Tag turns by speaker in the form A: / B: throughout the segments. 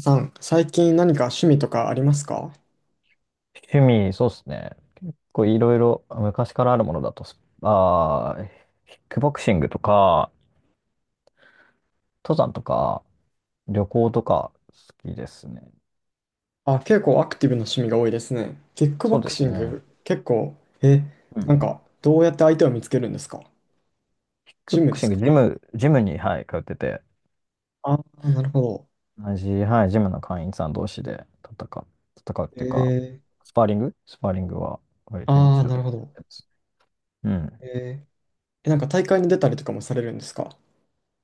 A: さん、最近何か趣味とかありますか？
B: 趣味、そうですね。いろいろ昔からあるものだとス、あー、キックボクシングとか、登山とか、旅行とか好きですね。
A: あ、結構アクティブな趣味が多いですね。キックボ
B: そう
A: ク
B: で
A: シ
B: す
A: ン
B: ね。
A: グ、結構、え、
B: うん。キ
A: な
B: ッ
A: んか、どうやって相手を見つけるんですか？
B: ク
A: ジ
B: ボ
A: ム
B: ク
A: で
B: シ
A: す
B: ング、
A: か？
B: ジムに、はい、通ってて、
A: ああー、なるほど。
B: 同じ、はい、ジムの会員さん同士で戦う、戦うっ
A: え
B: ていうか、
A: ー、
B: スパーリングは割と
A: あ
B: 日
A: あ、
B: 常
A: な
B: 的
A: る
B: で
A: ほど。
B: す。うん。
A: えー、なんか大会に出たりとかもされるんですか？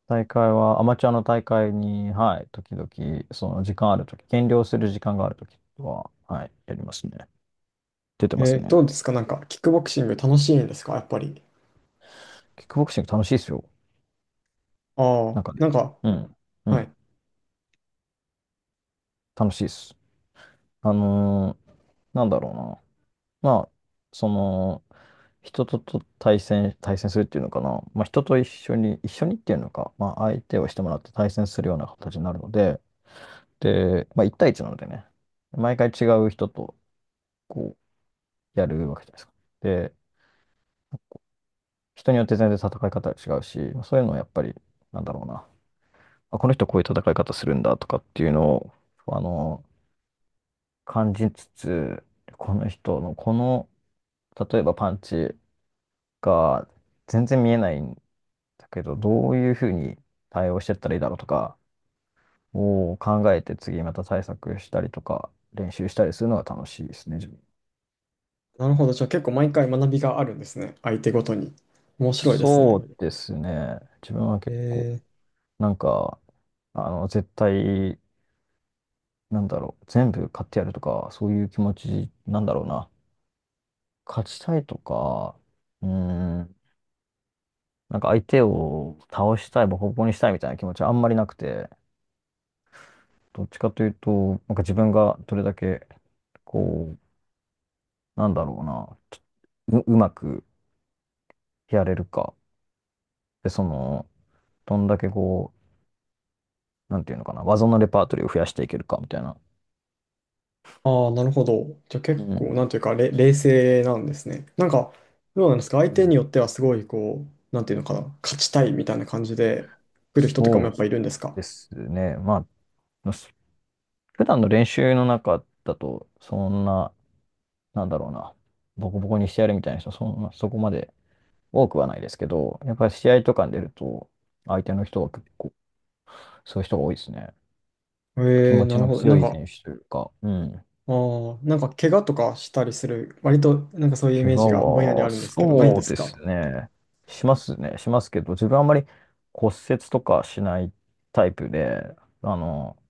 B: 大会は、アマチュアの大会に、はい、時々、その時間あるとき、減量する時間があるときは、はい、やりますね。出てます
A: えー、
B: ね。
A: どうですかなんか、キックボクシング楽しいんですかやっぱり。
B: キックボクシング楽しいですよ。
A: あ
B: な
A: あ、
B: んかね。
A: なんか、
B: うん。う
A: は
B: ん。
A: い。
B: 楽しいです。あのーなんだろうな。まあ、その、人とと対戦、対戦するっていうのかな。まあ、人と一緒に、一緒にっていうのか、まあ、相手をしてもらって対戦するような形になるので、で、まあ、1対1なのでね、毎回違う人と、こやるわけじゃないですか。で、人によって全然戦い方が違うし、そういうのをやっぱり、なんだろうな。あ、この人こういう戦い方するんだとかっていうのを、あの、感じつつ、この人のこの、例えばパンチが全然見えないんだけど、どういうふうに対応してったらいいだろうとかを考えて、次また対策したりとか練習したりするのが楽しいですね、自分。
A: なるほど。じゃあ結構毎回学びがあるんですね。相手ごとに。面白いです
B: そ
A: ね。
B: うですね。自分は結構、
A: えー、
B: なんか、絶対、なんだろう、全部勝ってやるとか、そういう気持ちなんだろうな。勝ちたいとか、うーん、なんか相手を倒したい、ボコボコにしたいみたいな気持ちはあんまりなくて、どっちかというと、なんか自分がどれだけ、こなんだろうな、ちょう、うまくやれるか。で、その、どんだけなんていうのかな、技のレパートリーを増やしていけるかみたいな。
A: ああ、なるほど。じゃあ結
B: う
A: 構、
B: ん。
A: なんていうか、冷静なんですね。なんか、どうなんですか？相
B: う
A: 手に
B: ん、
A: よってはすごい、こう、なんていうのかな、勝ちたいみたいな感じで来る人とかも
B: そ
A: や
B: う
A: っぱいるんですか？
B: ですね。まあ、普段の練習の中だと、そんな、なんだろうな、ボコボコにしてやるみたいな人、そんな、そこまで多くはないですけど、やっぱり試合とかに出ると、相手の人は結構、そういう人が多いですね。気
A: ええ、
B: 持
A: な
B: ち
A: る
B: の
A: ほど。な
B: 強
A: ん
B: い
A: か、
B: 選手というか、うん。
A: ああ、なんか怪我とかしたりする、割となんかそういうイ
B: 怪
A: メージがぼんやり
B: 我
A: あ
B: は、
A: るんですけど、ないんで
B: そう
A: す
B: で
A: か？
B: すね。しますね。しますけど、自分はあんまり骨折とかしないタイプで、あの、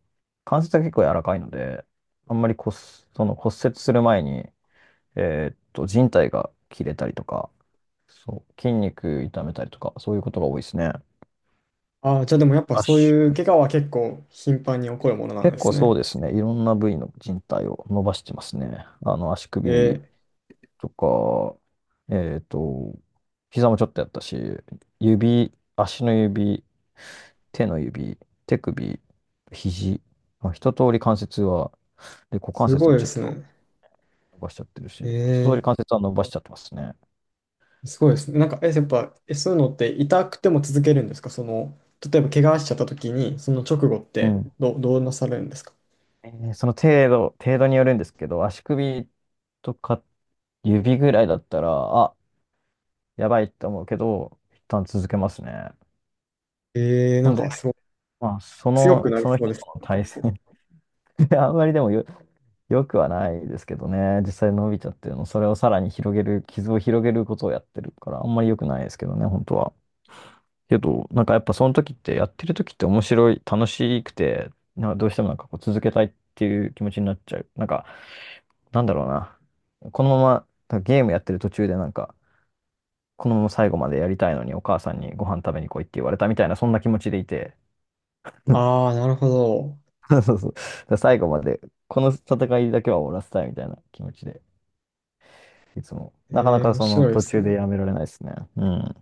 B: 関節が結構柔らかいので、あんまり骨、その骨折する前に、靭帯が切れたりとか、そう、筋肉痛めたりとか、そういうことが多いですね。
A: ああー、じゃあでもやっぱ
B: 圧
A: そういう
B: 縮
A: 怪我は結構頻繁に起こるものなんで
B: 結
A: す
B: 構そう
A: ね。
B: ですね。いろんな部位の人体を伸ばしてますね。あの、足
A: え
B: 首
A: ー、
B: とか、えっと、膝もちょっとやったし、指、足の指、手の指、手首、肘、まあ、一通り関節は、で、股関
A: す
B: 節
A: ご
B: も
A: いで
B: ちょっ
A: す
B: と
A: ね。
B: 伸ばしちゃってるし、一通り
A: え
B: 関節は伸ばしちゃってますね。
A: ー、すごいですね。なんか、え、やっぱ、え、そういうのって痛くても続けるんですか、その、例えば怪我しちゃった時に、その直後っ
B: う
A: て
B: ん。
A: どうなされるんですか？
B: その程度、程度によるんですけど、足首とか指ぐらいだったら、あ、やばいって思うけど、一旦続けますね。
A: えー、
B: ほ
A: な
B: ん
A: ん
B: で、
A: かそう、
B: まあ、そ
A: 強
B: の、
A: くなり
B: その
A: そう
B: 人
A: で
B: と
A: す。
B: の
A: なんか
B: 対戦
A: こう。
B: あんまりでもよ、よくはないですけどね、実際伸びちゃってるの、それをさらに広げる、傷を広げることをやってるから、あんまり良くないですけどね、本当は。けど、なんかやっぱその時って、やってる時って面白い、楽しくて、な、どうしてもなんかこう続けたいっていう気持ちになっちゃう。なんか、なんだろうな。このまま、ゲームやってる途中でなんか、このまま最後までやりたいのに、お母さんにご飯食べに来いって言われたみたいな、そんな気持ちでいて、
A: ああ、なるほど。
B: そうそうそう、だから最後まで、この戦いだけは終わらせたいみたいな気持ちで、いつも。
A: え
B: なかな
A: ー、
B: か
A: 面
B: その
A: 白いで
B: 途
A: す
B: 中で
A: ね。
B: やめられないですね。うん。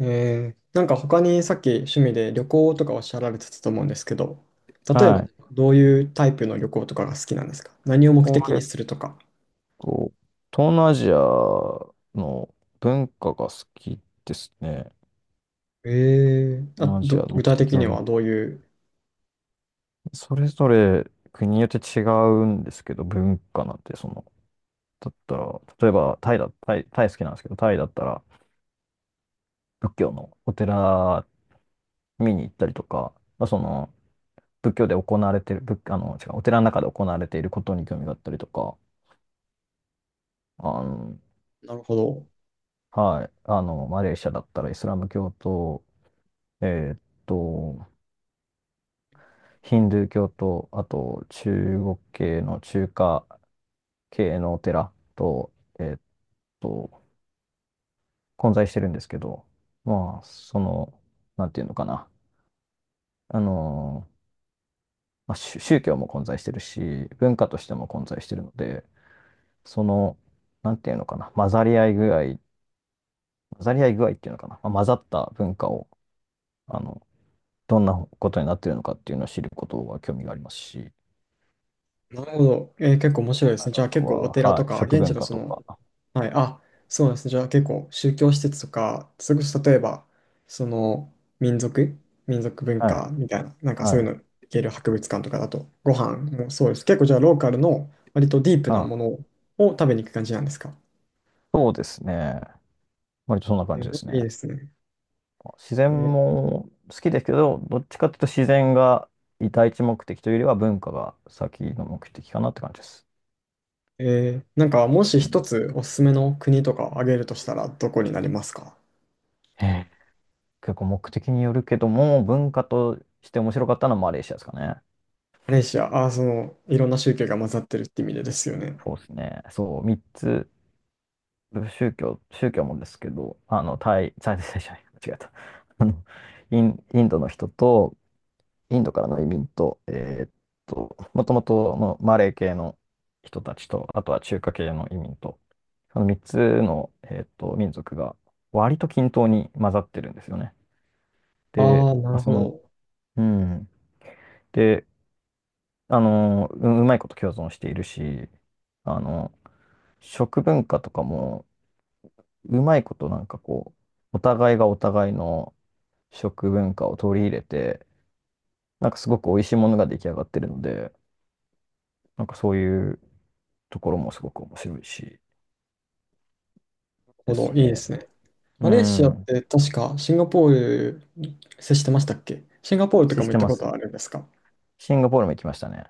A: えー、なんか他にさっき趣味で旅行とかおっしゃられてたと思うんですけど、例えば
B: はい。
A: どういうタイプの旅行とかが好きなんですか？何を目的に
B: 結
A: するとか。
B: 構、東南アジアの文化が好きですね。
A: えー、
B: 東
A: あ、
B: 南アジアの
A: 具
B: 目
A: 体
B: 的
A: 的
B: は
A: には
B: 文
A: ど
B: 化。
A: ういう、
B: それぞれ国によって違うんですけど、文化なんてその、だったら、例えばタイだ、タイ、タイ好きなんですけど、タイだったら、仏教のお寺見に行ったりとか、まあ、その仏教で行われてる、仏、あの、違う、お寺の中で行われていることに興味があったりとか、あの、
A: なるほど。
B: はい、あの、マレーシアだったらイスラム教と、えーっと、ヒンドゥー教と、あと中華系のお寺と、えーっと、混在してるんですけど、まあ、その、なんていうのかな、あの、まあ、宗教も混在してるし、文化としても混在してるので、その、なんていうのかな、混ざり合い具合っていうのかな、まあ混ざった文化を、あの、どんなことになってるのかっていうのを知ることは興味がありますし、
A: なるほど。えー、結構面白いです
B: あ
A: ね。じゃあ
B: と
A: 結構お
B: は、
A: 寺と
B: はい、
A: か、
B: 食
A: 現地
B: 文
A: の
B: 化
A: そ
B: と
A: の、
B: か、
A: はい、あ、そうなんですね。じゃあ結構宗教施設とか、それこそ例えば、その、民族、民族文
B: はい、
A: 化みたいな、なんかそ
B: は
A: ういう
B: い、
A: のいける博物館とかだと、ご飯もそうです。結構じゃあローカルの割とディープな
B: は
A: も
B: い、
A: のを食べに行く感じなんですか？
B: そうですね。割とそんな感
A: え
B: じで
A: ー、
B: す
A: いい
B: ね。
A: ですね。
B: 自
A: え
B: 然
A: ー、
B: も好きですけど、どっちかというと自然が第一目的というよりは文化が先の目的かなって感じです。
A: えー、なんかもし
B: う
A: 一
B: ん、
A: つおすすめの国とかを挙げるとしたらどこになりますか？
B: ええ、結構目的によるけども、文化として面白かったのはマレーシアですかね。
A: マレーシア、あー、そのいろんな宗教が混ざってるって意味でですよね。
B: そうですね。そう、三つ、宗教もですけど、あの、タイじゃない、間違えた。あの、インドの人と、インドからの移民と、もともとのマレー系の人たちと、あとは中華系の移民と、その三つの、民族が割と均等に混ざってるんですよね。で、
A: ああ、な
B: まあ、
A: る
B: そ
A: ほ
B: の、
A: ど。
B: うん。で、あの、うまいこと共存しているし、あの、食文化とかも、うまいことなんかこう、お互いがお互いの食文化を取り入れて、なんかすごく美味しいものが出来上がってるので、なんかそういうところもすごく面白いし
A: ほ
B: で
A: ど、
B: す
A: いいで
B: ね。
A: すね。
B: う
A: マレーシアっ
B: ん。
A: て確かシンガポールに接してましたっけ？シンガポールと
B: 接
A: か
B: し
A: も行っ
B: て
A: た
B: ま
A: こと
B: す。
A: あるんですか？
B: シンガポールも行きましたね。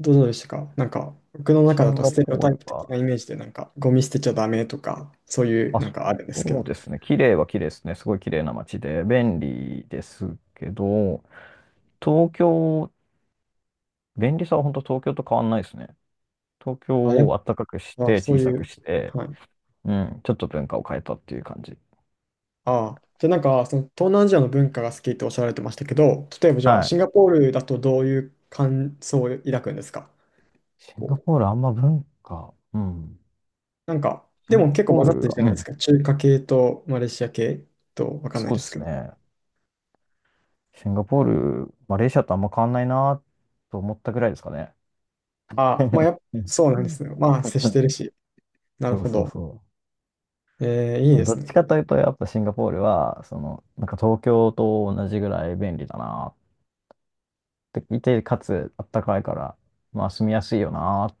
A: どうどうでしたか、なんか僕の
B: シ
A: 中だ
B: ン
A: と
B: ガ
A: ステレ
B: ポ
A: オ
B: ー
A: タイ
B: ル
A: プ的な
B: は、
A: イメージでなんかゴミ捨てちゃダメとかそういう
B: あ、
A: なん
B: そ
A: かあるんですけ
B: そ
A: ど。
B: うですね。綺麗は綺麗ですね。すごい綺麗な街で、便利ですけど、東京、便利さは本当東京と変わんないですね。東京
A: あ、やっ
B: を暖かくし
A: ぱ
B: て、
A: そ
B: 小
A: う
B: さ
A: い
B: く
A: う。
B: して、
A: はい。
B: うん、ちょっと文化を変えたっていう感じ。
A: ああ。じゃあなんかその東南アジアの文化が好きっておっしゃられてましたけど、例えばじゃあ
B: は
A: シン
B: い。
A: ガポールだとどういう感想を抱くんですか？
B: シンガ
A: こう。
B: ポールあんま文化。うん。
A: なんか、
B: シ
A: で
B: ン
A: も
B: ガ
A: 結構
B: ポ
A: 混
B: ー
A: ざって
B: ル
A: る
B: は、
A: じゃ
B: う
A: ないです
B: ん、
A: か。中華系とマレーシア系とわかんない
B: そう
A: で
B: で
A: すけ
B: す
A: ど。
B: ね。シンガポール、マレーシアとあんま変わんないなと思ったぐらいですかね。
A: あ、まあ、やっぱ、そうなんですね。まあ、接してるし。なる
B: そう
A: ほ
B: そう
A: ど。
B: そ
A: えー、いい
B: う。
A: で
B: ど
A: す
B: っち
A: ね。
B: かというと、やっぱシンガポールは、その、なんか東京と同じぐらい便利だなっていて、かつあったかいから、まあ住みやすいよなっ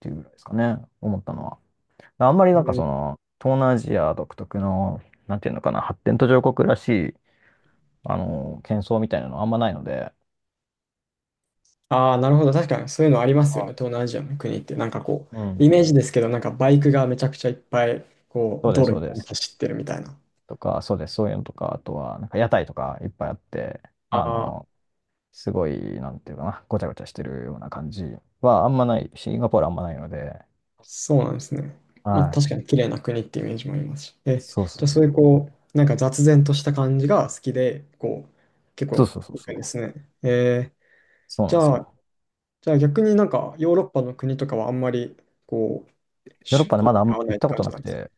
B: ていうぐらいですかね、思ったのは。あんまり
A: え
B: なんか
A: ー、
B: その、東南アジア独特の、なんていうのかな、発展途上国らしい、あの、喧騒みたいなのあんまないので、
A: ああ、なるほど。確かにそういうのありますよね。東
B: あ、
A: 南アジアの国って。なんかこ
B: う
A: う、イ
B: ん、
A: メージですけど、なんかバイクがめちゃくちゃいっぱい、こう、
B: そうで
A: 道
B: す、
A: 路い
B: そ
A: っ
B: う
A: ぱい
B: で
A: に
B: す。
A: 走ってるみたいな。
B: とか、そうです、そういうのとか、あとは、なんか屋台とかいっぱいあって、あ
A: ああ、
B: の、すごい、なんていうかな、ごちゃごちゃしてるような感じはあんまない、シンガポールあんまないので、
A: そうなんですね。まあ、
B: は
A: 確か
B: い。
A: に綺麗な国ってイメージもありますし。え、
B: そうそ
A: じゃあ、
B: う
A: そういう
B: そう。
A: こう、なんか雑然とした感じが好きで、こう、結
B: そ
A: 構
B: うそうそう
A: 行く
B: そ
A: んで
B: う。
A: すね。えー、
B: そうな
A: じ
B: んです
A: ゃあ、
B: よ。
A: じゃあ逆になんかヨーロッパの国とかはあんまり、こう、
B: ヨーロ
A: 趣
B: ッ
A: 味
B: パでま
A: 好み
B: だあ
A: に合
B: ん行
A: わない
B: っ
A: って
B: たこ
A: 感
B: と
A: じ
B: な
A: なん
B: く
A: ですか？
B: て、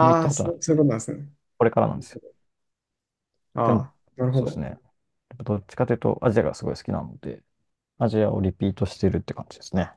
B: あんま行っ
A: あ
B: た
A: ー、
B: こと
A: そ
B: な
A: う、
B: く
A: そういうこ
B: て、
A: となんですね。
B: これからなんですよ。
A: あ
B: でも、
A: あ、なるほ
B: そうです
A: ど。
B: ね。やっぱどっちかというと、アジアがすごい好きなので、アジアをリピートしてるって感じですね。